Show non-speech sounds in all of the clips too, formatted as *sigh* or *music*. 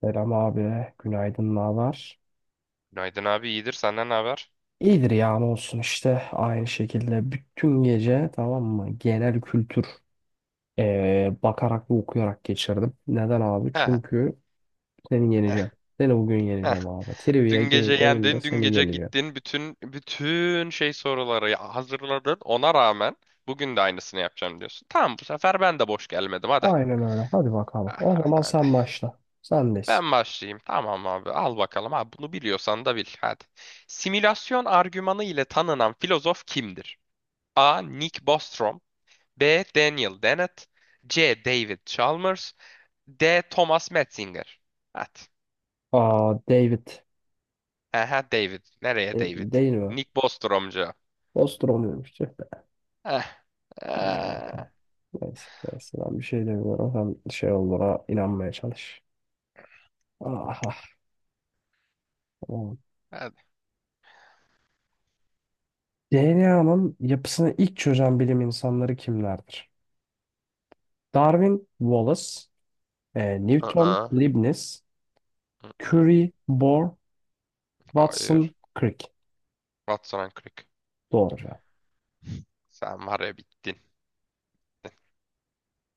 Selam abi, günaydın, ne var? Günaydın abi, iyidir, senden ne haber? İyidir ya ne olsun işte aynı şekilde bütün gece tamam mı genel kültür bakarak ve okuyarak geçirdim. Neden abi? Heh, Çünkü seni heh, yeneceğim. Seni bugün heh. yeneceğim abi. Trivia Dün game gece oyunda yendin, dün seni gece yeneceğim. gittin, bütün şey hazırladın. Ona rağmen bugün de aynısını yapacağım diyorsun. Tamam, bu sefer ben de boş gelmedim, hadi. Aynen öyle. Hadi bakalım. O zaman Hadi. sen başla. Sendeyiz. Ben başlayayım. Tamam abi, al bakalım. Abi, bunu biliyorsan da bil. Hadi. Simülasyon argümanı ile tanınan filozof kimdir? A. Nick Bostrom, B. Daniel Dennett, C. David Chalmers, D. Thomas Metzinger. Hadi. Aa David. Aha, David. Nereye E, David? değil mi? Nick Bostromcu. Nostromo'ymuş. Tüh be. Eh. Hadi Eh. bakalım. Neyse, neyse ben bir şey demiyorum. Sen şey olduğuna inanmaya çalış. Ah, ah. Hadi. DNA'nın yapısını ilk çözen bilim insanları kimlerdir? Darwin, Wallace, Newton, Aa. Leibniz, Aa. Curie, Bohr, Hayır. Watson, Crick. Watson and Crick. Doğru cevap. Sen var ya, bittin.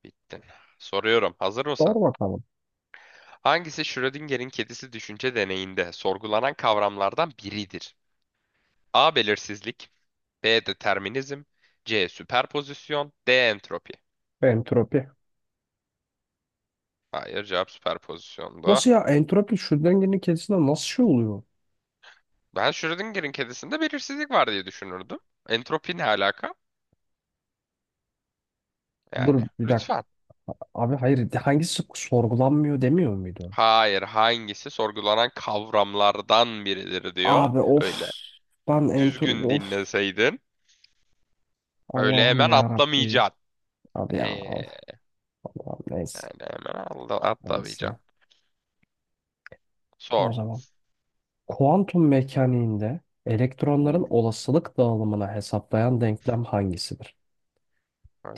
Bittin. Soruyorum. Hazır mısın? Doğru bakalım. Hangisi Schrödinger'in kedisi düşünce deneyinde sorgulanan kavramlardan biridir? A. Belirsizlik. B. Determinizm. C. Süperpozisyon. D. Entropi. Entropi. Hayır, cevap süperpozisyondu. Nasıl ya entropi şu dengenin kendisinde nasıl şey oluyor? Ben Schrödinger'in kedisinde belirsizlik var diye düşünürdüm. Entropi ne alaka? Yani Dur bir dakika. lütfen. Abi hayır hangisi sorgulanmıyor demiyor muydu? Hayır, hangisi sorgulanan kavramlardan biridir diyor. Abi of. Öyle. Ben entropi Düzgün of. dinleseydin. Öyle Allah'ım hemen ya Rabbim. atlamayacaksın. Abi ya Ee, of. Allah'ım neyse. Yani hemen atla, Neyse. atlamayacaksın. O Sor. zaman. Kuantum mekaniğinde elektronların Uuu. olasılık dağılımını hesaplayan denklem hangisidir?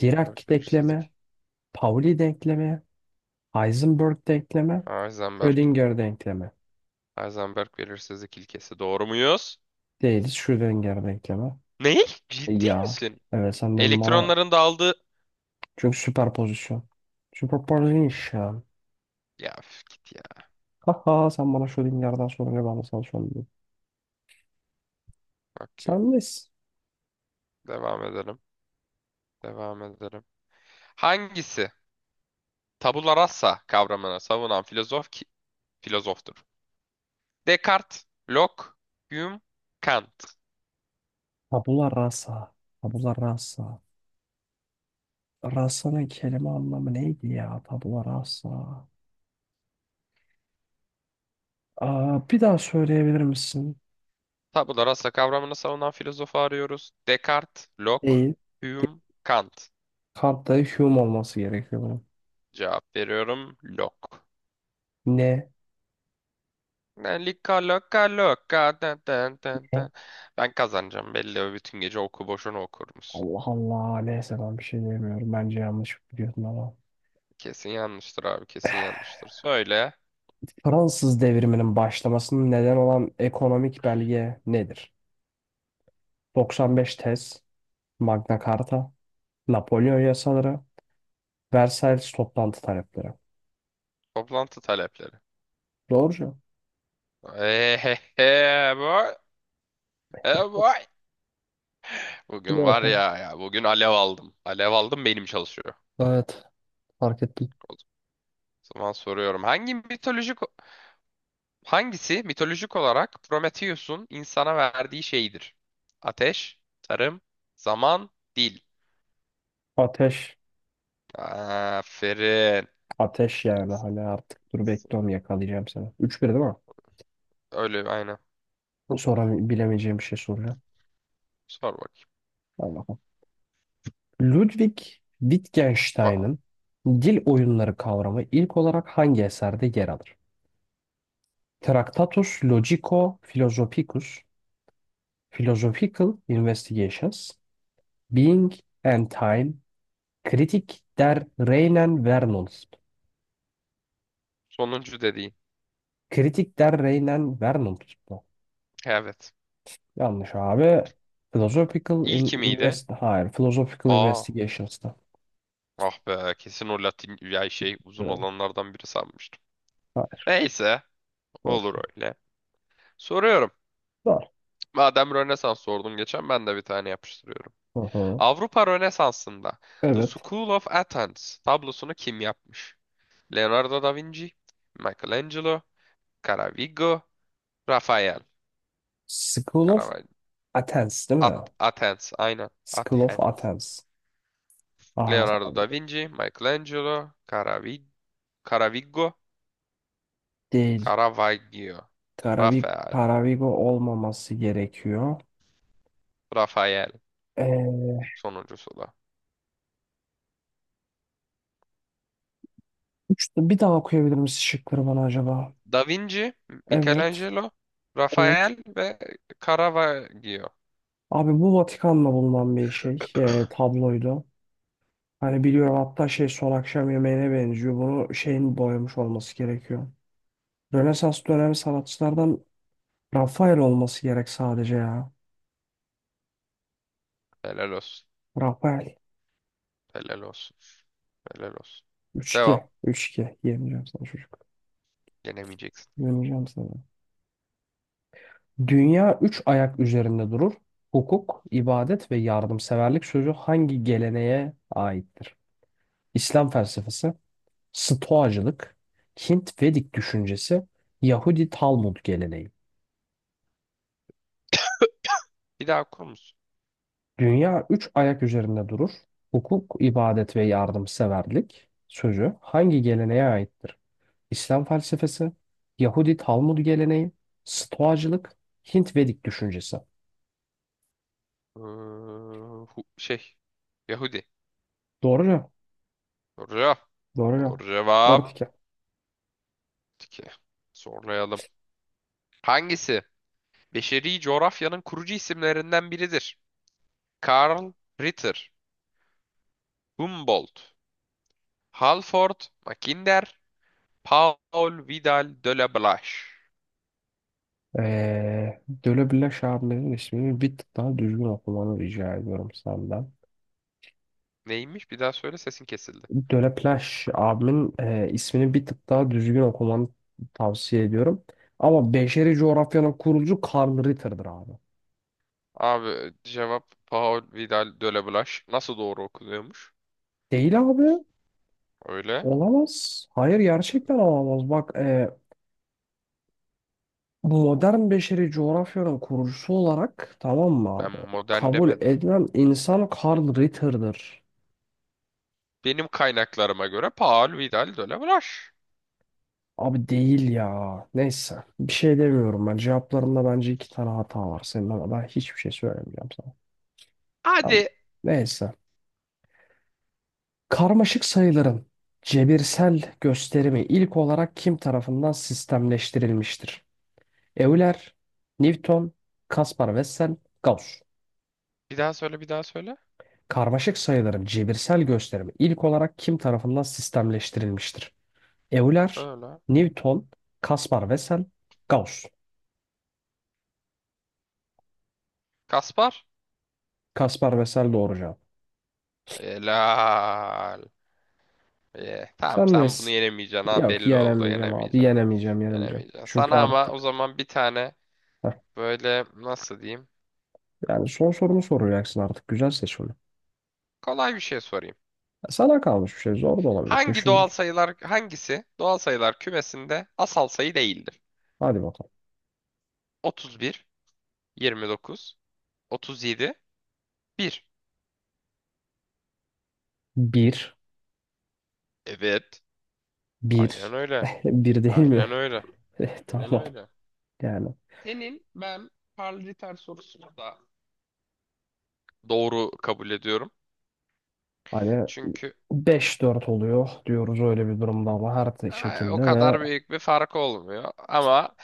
Dirac denklemi, belirsizlik. Pauli denklemi, Heisenberg denklemi, Heisenberg. Schrödinger denklemi. Heisenberg belirsizlik ilkesi. Doğru muyuz? Değiliz Schrödinger denklemi. Ne? Ciddi Ya misin? evet sen de bana Elektronların dağıldığı... çünkü süperpozisyon. Süperpozisyon. Ya üf, git ya. Haha sen bana Schrödinger'den sorunca ben de sana sorayım. Bak, Sen nesin? devam edelim. Devam edelim. Hangisi? Tabula rasa kavramını savunan filozoftur. Descartes, Locke, Hume, Kant. Tabula rasa. Tabula rasa. Rasa'nın kelime anlamı neydi ya? Tabula rasa. Aa, bir daha söyleyebilir misin? Tabula rasa kavramını savunan filozofu arıyoruz. Descartes, Locke, Değil. Hume, Kant. Kartta Hume olması gerekiyor bunun. Cevap veriyorum, Locke. Ne? Lika loka loka da da da Ne? da. Ben kazanacağım belli, bütün gece oku, boşuna okurmuşsun. Allah Allah. Neyse ben bir şey diyemiyorum. Bence yanlış biliyorsun ama. Kesin yanlıştır abi, kesin yanlıştır. Söyle Fransız devriminin başlamasının neden olan ekonomik belge nedir? 95 tez, Magna Carta, Napolyon yasaları, Versailles toplantı talepleri. toplantı talepleri. Doğru cevap. Ehehe boy. E boy. Hadi Bugün var bakalım. ya, ya bugün alev aldım. Alev aldım, benim çalışıyor. Evet. Fark ettim. O O zaman soruyorum. Hangisi mitolojik olarak Prometheus'un insana verdiği şeydir? Ateş, tarım, zaman, dil. Ateş. Aferin. Ateş yani. İyisin, Hani artık dur iyisin. bekliyorum yakalayacağım seni. Üç 1 değil mi? Öyle, aynen. Sonra bilemeyeceğim bir şey soracağım. Sor bakayım. Hadi bakalım. Ludwig Tamam. Wittgenstein'ın dil Hadi be. oyunları kavramı ilk olarak hangi eserde yer alır? Tractatus Logico-Philosophicus, Philosophical Investigations, Being and Time, Kritik der Reinen Vernunft. Sonuncu dediğin. Kritik der Reinen Vernunft bu. Evet. Yanlış abi. Hadi. Philosophical in İlki miydi? invest hayır, Philosophical Aa. Investigations'ta. Ah be. Kesin o Latin ya şey uzun olanlardan biri sanmıştım. Hayır. Neyse. Doğru. Olur öyle. Soruyorum. Doğru. Madem Rönesans sordun geçen, ben de bir tane yapıştırıyorum. Hı hı. Avrupa Rönesansı'nda The Evet. School of Athens tablosunu kim yapmış? Leonardo da Vinci, Michelangelo, Caravaggio, Rafael. School of Caravaggio. Athens değil mi? At Athens, aynen. School of Athens. Athens. Aa, Leonardo da Vinci, Michelangelo, Caravaggio, değil. Caravaggio, Karavik, Rafael. Karavigo olmaması gerekiyor. Rafael Ee, sonuncusu da. Bir daha okuyabilir misin şıkları bana acaba? Da Vinci, Evet. Michelangelo, Evet. Rafael ve Caravaggio. Abi bu Vatikan'la bulunan bir şey. Tabloydu. Hani biliyorum hatta şey son akşam yemeğine benziyor. Bunu şeyin boyamış olması gerekiyor. Rönesans dönemi sanatçılardan Rafael olması gerek sadece ya. Helal olsun. Rafael. Helal olsun. Helal olsun. Üç 2 Devam. üç 2 Yemeyeceğim sana çocuk. Yenemeyeceksin. Döneceğim sana. Dünya üç ayak üzerinde durur. Hukuk, ibadet ve yardımseverlik sözü hangi geleneğe aittir? İslam felsefesi, Stoacılık, Hint Vedik düşüncesi, Yahudi Talmud geleneği. Bir daha okur musun? Dünya üç ayak üzerinde durur. Hukuk, ibadet ve yardımseverlik sözü hangi geleneğe aittir? İslam felsefesi, Yahudi Talmud geleneği, Stoacılık, Hint Vedik düşüncesi. Ee, Şey. Yahudi. Doğru cevap. Doğru. Doğru cevap. Doğru 4 cevap. Peki. Zorlayalım. Hangisi? Beşeri coğrafyanın kurucu isimlerinden biridir. Karl Ritter, Humboldt, Halford, Mackinder, Paul Vidal de la Blache. Döleplaş abimin ismini bir tık daha düzgün okumanı rica ediyorum senden. Neymiş? Bir daha söyle, sesin kesildi. Döleplaş abimin ismini bir tık daha düzgün okumanı tavsiye ediyorum. Ama beşeri coğrafyanın kurucu Karl Ritter'dır abi. Abi, cevap Paul Vidal de la Blache. Nasıl doğru okunuyormuş? Değil abi. Öyle. Olamaz. Hayır gerçekten olamaz. Bak modern beşeri coğrafyanın kurucusu olarak tamam mı Ben abi? modern Kabul demedim. edilen insan Karl Ritter'dır. Benim kaynaklarıma göre Paul Vidal de Blas. Abi değil ya. Neyse. Bir şey demiyorum ben. Cevaplarında bence iki tane hata var. Senin ama ben hiçbir şey söylemeyeceğim sana. Tamam. Hadi. Neyse. Karmaşık sayıların cebirsel gösterimi ilk olarak kim tarafından sistemleştirilmiştir? Euler, Newton, Kaspar Wessel, Gauss. Bir daha söyle, bir daha söyle. Karmaşık sayıların cebirsel gösterimi ilk olarak kim tarafından sistemleştirilmiştir? Euler, Öyle. Newton, Kaspar Wessel, Gauss. Kaspar. Kaspar Wessel doğru cevap. Helal. Ye. Tamam, Sen sen bunu nesin? yenemeyeceksin ha, Yok belli oldu, yenemeyeceğim abi. yenemeyeceksin. Yenemeyeceğim, yenemeyeceğim. Yenemeyeceksin. Çünkü Sana ama o artık zaman bir tane heh, böyle, nasıl diyeyim? yani son sorumu soracaksın artık. Güzel seç onu. Kolay bir şey sorayım. Sana kalmış bir şey. Zor da olabilir. Düşündür. Hangisi doğal sayılar kümesinde asal sayı değildir? Hadi bakalım. 31, 29, 37, 1. Bir. Evet. Aynen Bir. öyle. *laughs* Bir değil Aynen mi? öyle. *laughs* Eh, Aynen tamam. öyle. Yani Senin ben paraliter sorusunu da doğru kabul ediyorum. hani Çünkü 5-4 oluyor diyoruz öyle bir durumda ama her o şekilde ve kadar büyük bir fark olmuyor. Ama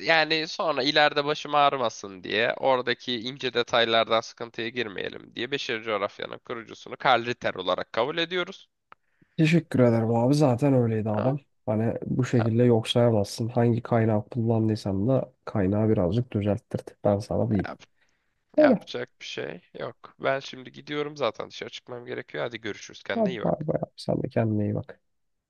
yani sonra ileride başım ağrımasın diye, oradaki ince detaylardan sıkıntıya girmeyelim diye Beşeri Coğrafya'nın kurucusunu Karl Ritter olarak kabul ediyoruz. teşekkür ederim abi. Zaten öyleydi Ha? adam. Hani bu Tamam. şekilde yok sayamazsın. Hangi kaynağı kullandıysan da kaynağı birazcık düzelttirdik. Ben sana diyeyim. Yap- Öyle. Yapacak bir şey yok. Ben şimdi gidiyorum, zaten dışarı çıkmam gerekiyor. Hadi görüşürüz. Kendine Hadi iyi bay bak. bay abi. Sen de kendine iyi bak.